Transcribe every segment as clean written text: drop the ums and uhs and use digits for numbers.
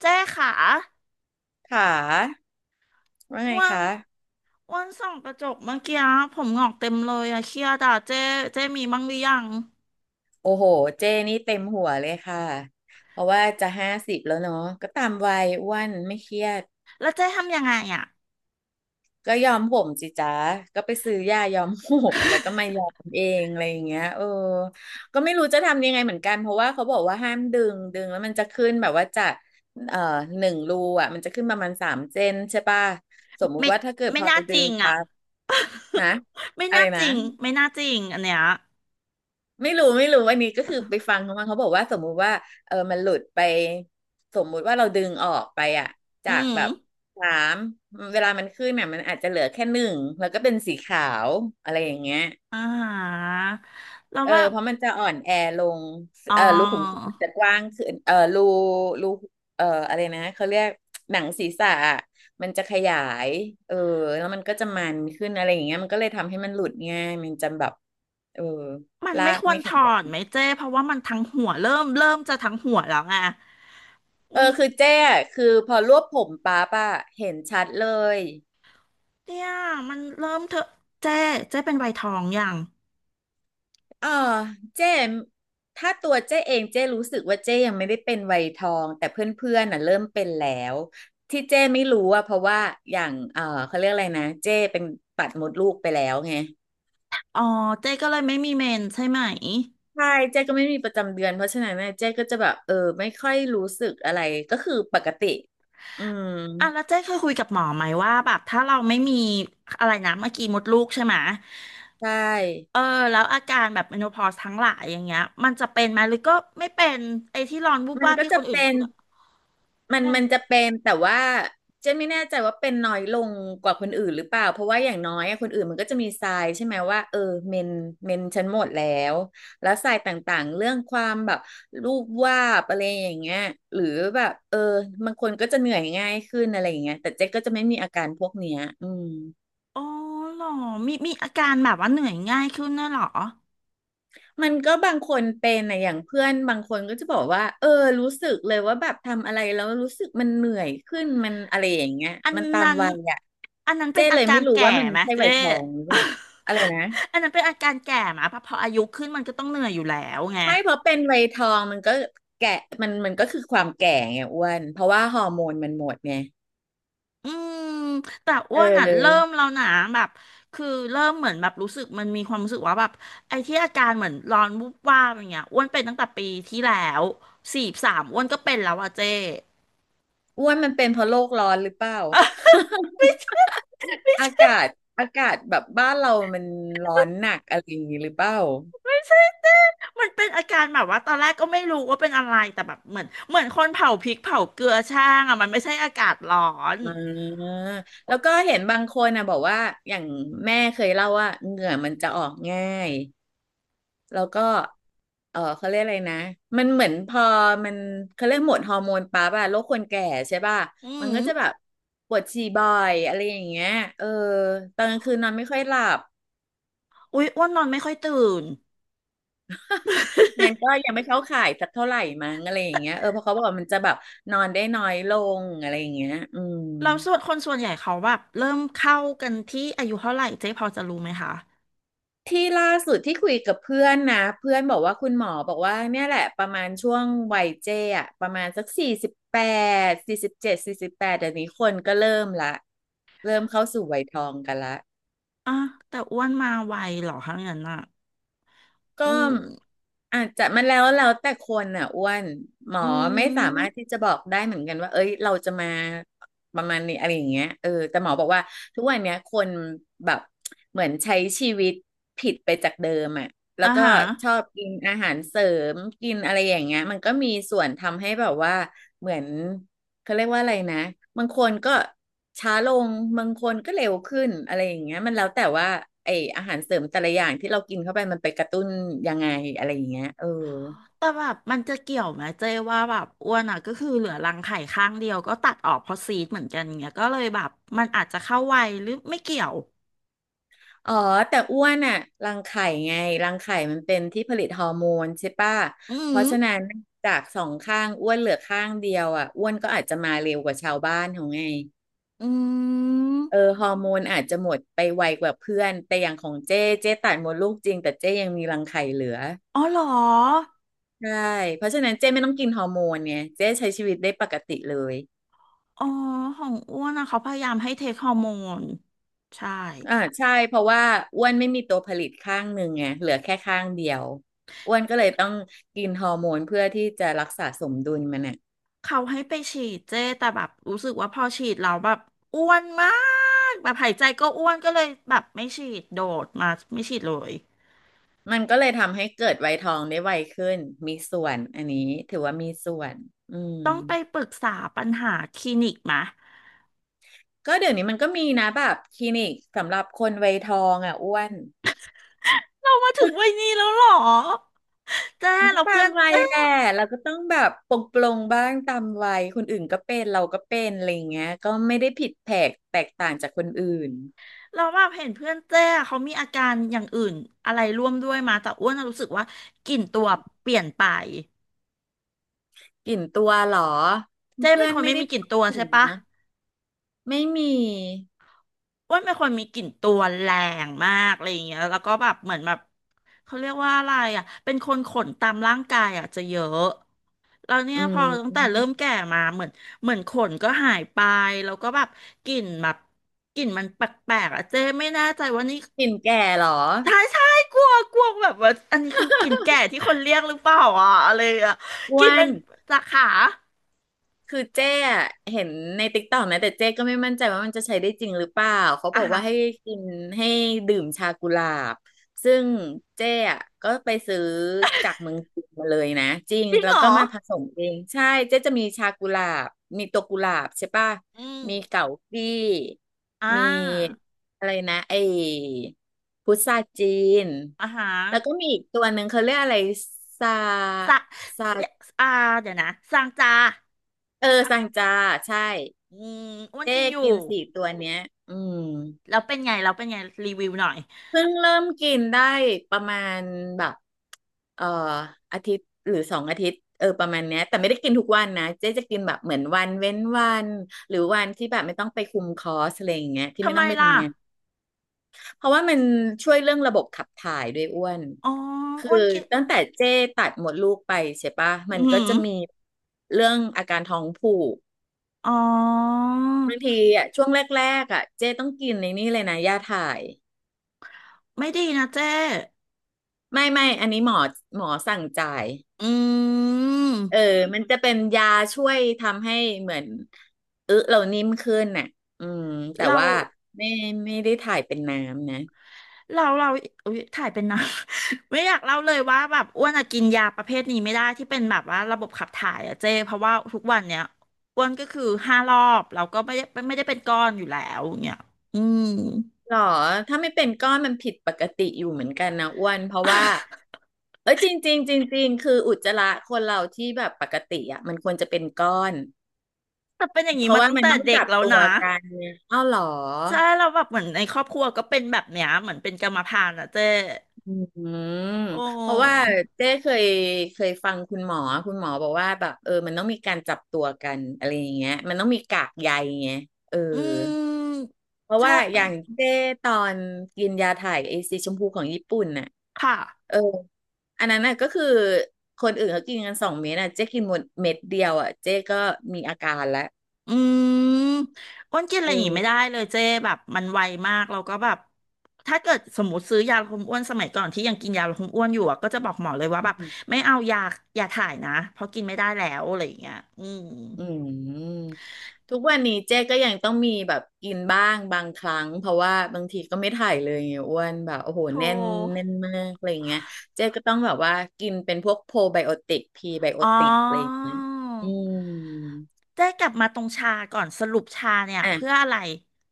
เจ๊ขาค่ะว่าอ้ไงวันคะ อ้วันส่องกระจกเมื่อกี้ผมงอกเต็มเลยอะเครียดอะเจ๊เจ๊มีบ้างหรือยังโอ้โห เจ้นี่เต็มหัวเลยค่ะ เพราะว่าจะ50แล้วเนาะ ก็ตามวัยอ้วนไม่เครียดแล้วเจ๊ทำยังไงอะก็ยอมผมสิจ๊ะก็ไปซื้อยายอมผม แล้วก็มายอมเองอะไรอย่างเงี้ยก็ไม่รู้จะทำยังไงเหมือนกัน เพราะว่าเขาบอกว่าห้ามดึงดึงแล้วมันจะขึ้นแบบว่าจากเอ่อหนึ่งรูอ่ะมันจะขึ้นประมาณ3 เซนใช่ป่ะสมมุไม่ติว่าถ้าเกิดไม่พอน่าเราจดึริงงอะ ปั๊บ ฮะไม่อะน่าไรจนะ ริงไม่น่าจริงอันเนี้ยไม่รู้อันนี้ก็คือไปฟังเขามาเขาบอกว่าสมมุติว่ามันหลุดไปสมมุติว่าเราดึงออกไปอะอืจากมแบบสามเวลามันขึ้นเนี่ยมันอาจจะเหลือแค่หนึ่งแล้วก็เป็นสีขาวอะไรอย่างเงี้ยอ่าแล้วแบบเพราะมันจะอ่อนแอลงอ๋อรูขุมขนมันจะกว้างขึ้นรูอะไรนะเขาเรียกหนังศีรษะอะมันจะขยายเออแล้วมันก็จะมันขึ้นอะไรอย่างเงี้ยมันก็เลยทำให้มันหลุดง่ายมันจะแบบเออมันลาไม่กควรไม่ถแข็งแรอนง ไหมเจ๊เพราะว่ามันทั้งหัวเริ่มจะทั้งหัวแล้วไงอืมคือเจ๊อะคือพอรวบผมป๊าบอะเห็นชัดเลยเนี่ยมันเริ่มเถอะเจ๊เจ๊เป็นวัยทองอย่างอ่าเจ้ถ้าตัวเจ้เองเจ้รู้สึกว่าเจ้ยังไม่ได้เป็นวัยทองแต่เพื่อนๆน่ะเริ่มเป็นแล้วที่เจ้ไม่รู้อะเพราะว่าอย่างเขาเรียกอะไรนะเจ้เป็นตัดมดลูกไปแล้วไงอ๋อเจ๊ก็เลยไม่มีเมนใช่ไหม ใช่เจ้ก็ไม่มีประจำเดือนเพราะฉะนั้นเน่ยเจ๊ก็จะแบบไม่ค่อยรู้สึกอะไรก็คือปกติอืมอ่ะแล้วเจ๊เคยคุยกับหมอไหมว่าแบบถ้าเราไม่มีอะไรนะเมื่อกี้มดลูกใช่ไหมใชเอ่อแล้วอาการแบบเมโนพอสทั้งหลายอย่างเงี้ยมันจะเป็นไหมหรือก็ไม่เป็นไอ้ที่ร้อนวูบมันวาบก็ที่คจะนอื่นเป็เขาน พูดอะมันเป็นมันจะเป็นแต่ว่าเจนไม่แน่ใจว่าเป็นน้อยลงกว่าคนอื่นหรือเปล่าเพราะว่าอย่างน้อยอะคนอื่นมันก็จะมีทรายใช่ไหมว่าเมนเมนฉันหมดแล้วแล้วทรายต่างๆเรื่องความแบบรูปวาดอะไรอย่างเงี้ยหรือแบบบางคนก็จะเหนื่อยง่ายขึ้นอะไรอย่างเงี้ยแต่เจ๊ก็จะไม่มีอาการพวกเนี้ยอืม อ๋อเหรอมีอาการแบบว่าเหนื่อยง่ายขึ้นด้วยเหรอมันก็บางคนเป็นนะอย่างเพื่อนบางคนก็จะบอกว่ารู้สึกเลยว่าแบบทำอะไรแล้วรู้สึกมันเหนื่อยขึ้นมันอะไรอย่างเงี้ยอันมันตามนั้นวัยอ่ะอันนั้นเป็เจ้นอาเลยกาไม่รรู้แก่ว่ามันไหมใช่เจ๊ วัยทองหรือเปล่าอะไรนะ อันนั้นเป็นอาการแก่ไหมเพราะพออายุขึ้นมันก็ต้องเหนื่อยอยู่แล้วไง ไม่เพราะเป็นวัยทองมันก็แก่มันก็คือความแก่ไงอ้วนเพราะว่าฮอร์โมนมันหมดไงอืมแต่เอ้วนอ่ะเริ่มออแล้วนะแบบคือเริ่มเหมือนแบบรู้สึกมันมีความรู้สึกว่าแบบไอ้ที่อาการเหมือนร้อนวูบวาบอย่างเงี้ยอ้วนเป็นตั้งแต่ปีที่แล้วสี่สามอ้วนก็เป็นแล้วอะเจ้อ้วนมันเป็นเพราะโลกร้อนหรือเปล่า อากาศอากาศแบบบ้านเรามันร้อนหนักอะไรอย่างงี้หรือเปล่า มันเป็นอาการแบบว่าตอนแรกก็ไม่รู้ว่าเป็นอะไรแต่แบบเหมือนคนเผาพริกเผาเกลือช่างอ่ะมันไม่ใช่อากาศร้อนอ่าแล้วก็เห็นบางคนนะบอกว่าอย่างแม่เคยเล่าว่าเหงื่อมันจะออกง่ายแล้วก็เขาเรียกอะไรนะมันเหมือนพอมันเขาเรียกหมดฮอร์โมนปั๊บอะโรคคนแก่ใช่ป่ะอืมันมก็จะแบบปวดฉี่บ่อยอะไรอย่างเงี้ยเออตอนกลางคืนนอนไม่ค่อยหลับอุ๊ยอ้วนนอนไม่ค่อยตื่นงานก็ยังไม่เข้าข่ายสักเท่าไหร่มั้งอะไรอย่างเงี้ยเพราะเขาบอกว่ามันจะแบบนอนได้น้อยลงอะไรอย่างเงี้ยอืม เราส่วนคนส่วนใหญ่เขาแบบเริ่มเข้ากันที่อายุเท่าไหร่เจ๊พอจะรู้ไหมคะที่ล่าสุดที่คุยกับเพื่อนนะเพื่อนบอกว่าคุณหมอบอกว่าเนี่ยแหละประมาณช่วงวัยเจ้อะประมาณสักสี่สิบแปด47สี่สิบแปดเดี๋ยวนี้คนก็เริ่มละเริ่มเข้าสู่วัยทองกันละ อ่ะแต่อ้วนมาไวเหรอคะงั้นอ่ะ อืก็มอาจจะมันแล้วแต่คนอ่ะอ้วนหมออืไม่สามารถที่มจะบอกได้เหมือนกันว่าเอ้ยเราจะมาประมาณนี้อะไรอย่างเงี้ยแต่หมอบอกว่าทุกวันเนี้ยคนแบบเหมือนใช้ชีวิตผิดไปจากเดิมอ่ะแล้วอ่าก็ฮะชอบกินอาหารเสริมกินอะไรอย่างเงี้ยมันก็มีส่วนทำให้แบบว่าเหมือน เขาเรียกว่าอะไรนะบางคนก็ช้าลงบางคนก็เร็วขึ้นอะไรอย่างเงี้ยมันแล้วแต่ว่าไออาหารเสริมแต่ละอย่างที่เรากินเข้าไปมันไปกระตุ้นยังไงอะไรอย่างเงี้ยแต่แบบมันจะเกี่ยวไหมเจ๊ว่าแบบอ้วนอ่ะก็คือเหลือรังไข่ข้างเดียวก็ตัดออกเพราะซีดเหมือนกันเงี้ยก็เลยแบบมันอาจจะเข้าวัยหรือไม่เกี่ยวอ๋อแต่อ้วนอะรังไข่ไงรังไข่มันเป็นที่ผลิตฮอร์โมนใช่ปะอืเพมราะฉะนั้นจากสองข้างอ้วนเหลือข้างเดียวอะอ้วนก็อาจจะมาเร็วกว่าชาวบ้านของไงอืมฮอร์โมนอาจจะหมดไปไวกว่าเพื่อนแต่อย่างของเจ้เจ้ตัดมดลูกจริงแต่เจ้ยังมีรังไข่เหลือ อ๋อเหรอใช่เพราะฉะนั้นเจ๊ไม่ต้องกินฮอร์โมนไงเจ๊ใช้ชีวิตได้ปกติเลยอ๋อของอ้วนอะเขาพยายามให้เทคฮอร์โมนใช่ใช่เพราะว่าอ้วนไม่มีตัวผลิตข้างหนึ่งไงเหลือแค่ข้างเดียวอ้วนก็เลยต้องกินฮอร์โมนเพื่อที่จะรักษาสมดุลมันน่ะเขาให้ไปฉีดเจ้แต่แบบรู้สึกว่าพอฉีดเราแล้วแบบอ้วนมากแบบหายใจก็อ้วนก็เลยแบบไม่ฉีดโดดมาไม่ฉีดเลย ก็เลยทำให้เกิดวัยทองได้ไวขึ้นมีส่วนอันนี้ถือว่ามีส่วนอืมต้องไปปรึกษาปัญหาคลินิกมะก็เดี๋ยวนี้มันก็มีนะแบบคลินิกสำหรับคนวัยทองอ่ะอ้วน เรามาถึงวัยนี้แล้วเหรอเจ้มันก็เราตาเพื่มอนวัยเจ้แหละเราก็ต้องแบบปลงปลงบ้างตามวัยคนอื่นก็เป็นเราก็เป็นอะไรอย่างเงี้ยก็ไม่ได้ผิดแผกแตกต่างจากคนอื่นเราแบบเห็นเพื่อนเจ้เขามีอาการอย่างอื่นอะไรร่วมด้วยมาแต่อ้วนน่ะรู้สึกว่ากลิ่นตัวเปลี่ยนไปกลิ่นตัวเหรอเจ้เพื่เป็อนนคนไม่ไม่ได้มีกลิ่นพูดตัวถึใช่งปะนะไม่มีอ้วนเป็นคนมีกลิ่นตัวแรงมากอะไรอย่างเงี้ยแล้วก็แบบเหมือนแบบเขาเรียกว่าอะไรอ่ะ เป็นคนขนตามร่างกายอ่ะจะเยอะ เราเนี่ยอืพอตั้งแต่เริ่มมแก่มาเหมือนเหมือนขนก็หายไปแล้วก็แบบกลิ่นแบบกลิ่นมันแปลกๆอะเจ๊ไม่แน่ใจว่านี่กลิ่นแก่เหรอใช่ใช่กลัวกลัวแบบว่าอันนี้คือกลิ่นแก่ที่คนเรียกหรือเปล่าอ่ะอะไรอ่ะอ้กวลิ่นมัน นจากขาคือเจ๊อะเห็นในติ๊กต็อกนะแต่เจ๊ก็ไม่มั่นใจว่ามันจะใช้ได้จริงหรือเปล่าเขาบอ่ะอกฮะว่าให้กินให้ดื่มชากุหลาบซึ่งเจ๊อะก็ไปซื้อจากเมืองจีนมาเลยนะจริงจริงแล้เหวรก็อมาผสมเองใช่เจ๊จะมีชากุหลาบมีตัวกุหลาบใช่ป่ะอืมมีเก๋ากี้อ่ามีอะไรนะไอ้พุทราจีนอ่ะฮะแล้วก็มีอีกตัวหนึ่งเขาเรียกอะไรซาสะซาเอ่าเดี๋ยวนะสางจาเออปะซังจาใช่ อืมอ้วนเจ๊กินอยู่กินสี่ตัวเนี้ยอืมแล้วเป็นไงแล้วเป็นไงรีวิวหน่อยเพิ่งเริ่มกินได้ประมาณแบบเอ่ออาทิตย์หรือ2 อาทิตย์เออประมาณเนี้ยแต่ไม่ได้กินทุกวันนะเจ๊จะกินแบบเหมือนวันเว้นวันหรือวันที่แบบไม่ต้องไปคุมคอร์สอะไรอย่างเงี้ยที่ทำไม่ไมต้องไปล่ะทำงานเพราะว่ามันช่วยเรื่องระบบขับถ่ายด้วยอ้วนอ๋อคืออ้วนกิน ตั้งแต่เจ๊ตัดหมดลูกไปใช่ปะมัอืนก็มจะมีเรื่องอาการท้องผูกอ๋อบางทีอ่ะช่วงแรกๆอ่ะเจ๊ต้องกินในนี่เลยนะยาถ่าย ไม่ดีนะเจ้ไม่อันนี้หมอสั่งจ่ายอืเออมมันจะเป็นยาช่วยทำให้เหมือนอึเรานิ่มขึ้นน่ะอืมแต่เราว่าไม่ไม่ได้ถ่ายเป็นน้ำนะเราเราอุ๊ยถ่ายเป็นนะ ไม่อยากเล่าเลยว่าแบบอ้วนอะกินยาประเภทนี้ไม่ได้ที่เป็นแบบว่าระบบขับถ่ายอะเจ้เพราะว่าทุกวันเนี้ยอ้วนก็คือห้ารอบเราก็ไม่ได้เป็นก้อนอยู่แล้วเนี่ยอืม หรอถ้าไม่เป็นก้อนมันผิดปกติอยู่เหมือนกันนะอ้วนเพราะว่าเออจริงจริงจริงจริงคืออุจจาระคนเราที่แบบปกติอ่ะมันควรจะเป็นก้อนแต่เป็นอย่างเพนี้ราะมาว่าตั้งมันแต่ต้องเด็กจับแล้วตัวนะกันเนี่ยอ้าวหรอ ใช่เราแล้วแบบเหมือนในครอบครัวก็เป็นแบบเนี้ยเหมือนเป็นกรรมพันธุ์อะเจ้อืมโอ้ เพราะว่าเจ๊เคยฟังคุณหมอบอกว่าแบบเออมันต้องมีการจับตัวกันอะไรอย่างเงี้ยมันต้องมีกากใยไงเอออืม เพราะถ้าว่าเอออย่างเจ๊ตอนกินยาถ่ายไอซีชมพูของญี่ปุ่นน่ะค่ะ เอออันนั้นน่ะก็คือคนอื่นเขากินกัน2 เม็ดน่ะเจ๊กินหมดเม็ดเดียวอ่ะเจ๊ก็มีอาการแล้วอืมอ้วนกินอะเไรอย่างงี้ไม่ได้ออ เลยเจ๊แบบมันไวมากเราก็แบบถ้าเกิดสมมติซื้อยาลดความอ้วนสมัยก่อนที่ยังกินยาลดความอ้วนอยู่อะก็จะบอกหมอเลยว่าแบบไม่เอายายาถ่ายนะเพราะกินไม่ได้แล้วอะไรอย่างเงี้ยอืมอืมทุกวันนี้เจ๊ก็ยังต้องมีแบบกินบ้างบางครั้งเพราะว่าบางทีก็ไม่ถ่ายเลยไงอ้วนแบบโอ้โหโทรแน่นแน่นมากอะไรเงี้ยเจ๊ก็ต้องแบบว่ากินเป็นพวกโพไบโอติกพรีไบโออ๋อติกอะไรอย่างเงี้ยอืมเจ๊กลับมาตรงชาก่อนสรุปชาเนี่ยเพื่ออ่ะอะไร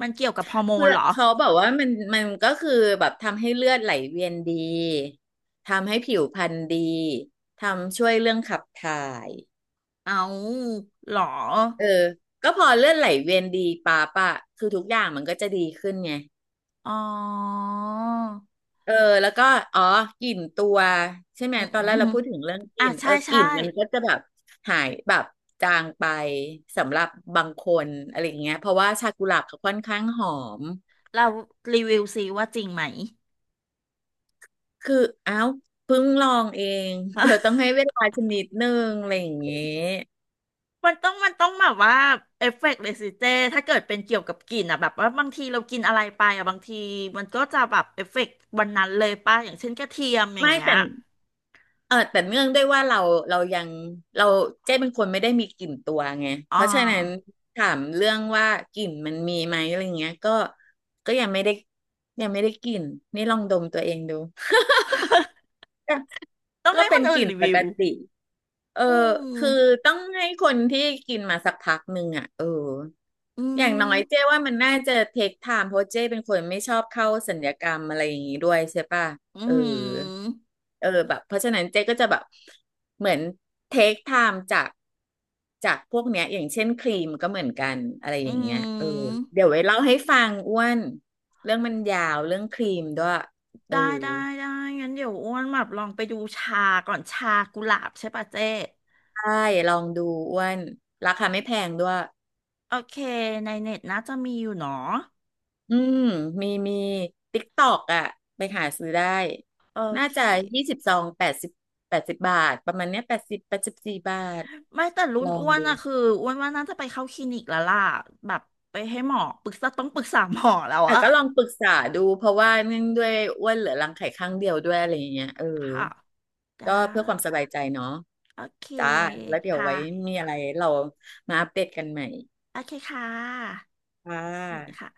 มันเกี่ยวกับฮอร์โมเพื่นอเหรอ เขาบอกว่ามันก็คือแบบทำให้เลือดไหลเวียนดีทำให้ผิวพรรณดีทำช่วยเรื่องขับถ่ายเอาเหรอเออก็พอเลือดไหลเวียนดีปั๊บอะคือทุกอย่างมันก็จะดีขึ้นไง อ๋อเออแล้วก็อ๋อกลิ่นตัวใช่ไหมอืตอนแรกเราม พูดถึงเรื่องกอ่ะลิ่นเอใช่อกใช่ลิ่นมันก็จะแบบหายแบบจางไปสำหรับบางคนอะไรอย่างเงี้ยเพราะว่าชากุหลาบเขาค่อนข้างหอมเรารีวิวซิว่าจริงไหม คืออ้าวเพิ่งลองเอง เธอต้อง ให้เวลาชนิดนึงอะไรอย่างเงี้ยมันต้องแบบว่าเอฟเฟกต์เลยสิเจถ้าเกิดเป็นเกี่ยวกับกลิ่นอ่ะแบบว่าบางทีเรากินอะไรไปอ่ะบางทีมันก็จะแบบเอฟเฟกต์วันนั้นเลยป่ะอย่างเช่นกระเทียมอย่างไม่เงี้ยแต่ เออแต่เนื่องด้วยว่าเรายังเราเจ้เป็นคนไม่ได้มีกลิ่นตัวไงเพอ่า ราะฉะนั้นถามเรื่องว่ากลิ่นมันมีไหมอะไรเงี้ยก็ยังไม่ได้กลิ่นนี่ลองดมตัวเองดู ก็ต้องให้คเป็นนอื่กนลิ่นรีปวิกวติเอออืคือมต้องให้คนที่กินมาสักพักหนึ่งอ่ะเออ อือย่างน้อมยเจ้ว่ามันน่าจะเทคไทม์เพราะเจ้เป็นคนไม่ชอบเข้าศัลยกรรมอะไรอย่างนี้ด้วยใช่ป่ะอืเออมเออแบบเพราะฉะนั้นเจ๊ก็จะแบบเหมือนเทคไทม์จากพวกเนี้ยอย่างเช่นครีมก็เหมือนกันอะไรอือย่างเงี้ยเออมเดี๋ยวไว้เล่าให้ฟังอ้วนเรื่องมันยาวเรื่องครีมด้วยเออได้ได้ได้งั้นเดี๋ยวอ้วนแบบลองไปดูชาก่อนชากุหลาบใช่ป่ะเจ๊ได้ลองดูอ้วนราคาไม่แพงด้วย โอเคในเน็ตน่าจะมีอยู่เนาะ อืมมีติ๊กตอกอ่ะไปหาซื้อได้โอน่าเคจะ20 ซองแปดสิบ80 บาทประมาณเนี้ยแปดสิบ84 บาทไม่แต่รุ่ลนองอ้วนดูอะคืออ้วนว่าน่าจะไปเข้าคลินิกแล้วล่ะแบบไปให้หมอปรึกษาต้องปรึกษาหมอแล้วแต่อะก็ลองปรึกษาดูเพราะว่าเนื่องด้วยอ้วนเหลือรังไข่ข้างเดียวด้วยอะไรอย่างเงี้ยเออค่ะได้ก็เพื่อความสบายใจเนาะโอเคจ้าแล้วเดี๋ยวค่ะไว้มีอะไรเรามาอัปเดตกันใหม่โอเคค่ะค่สวัสดีค่ะะ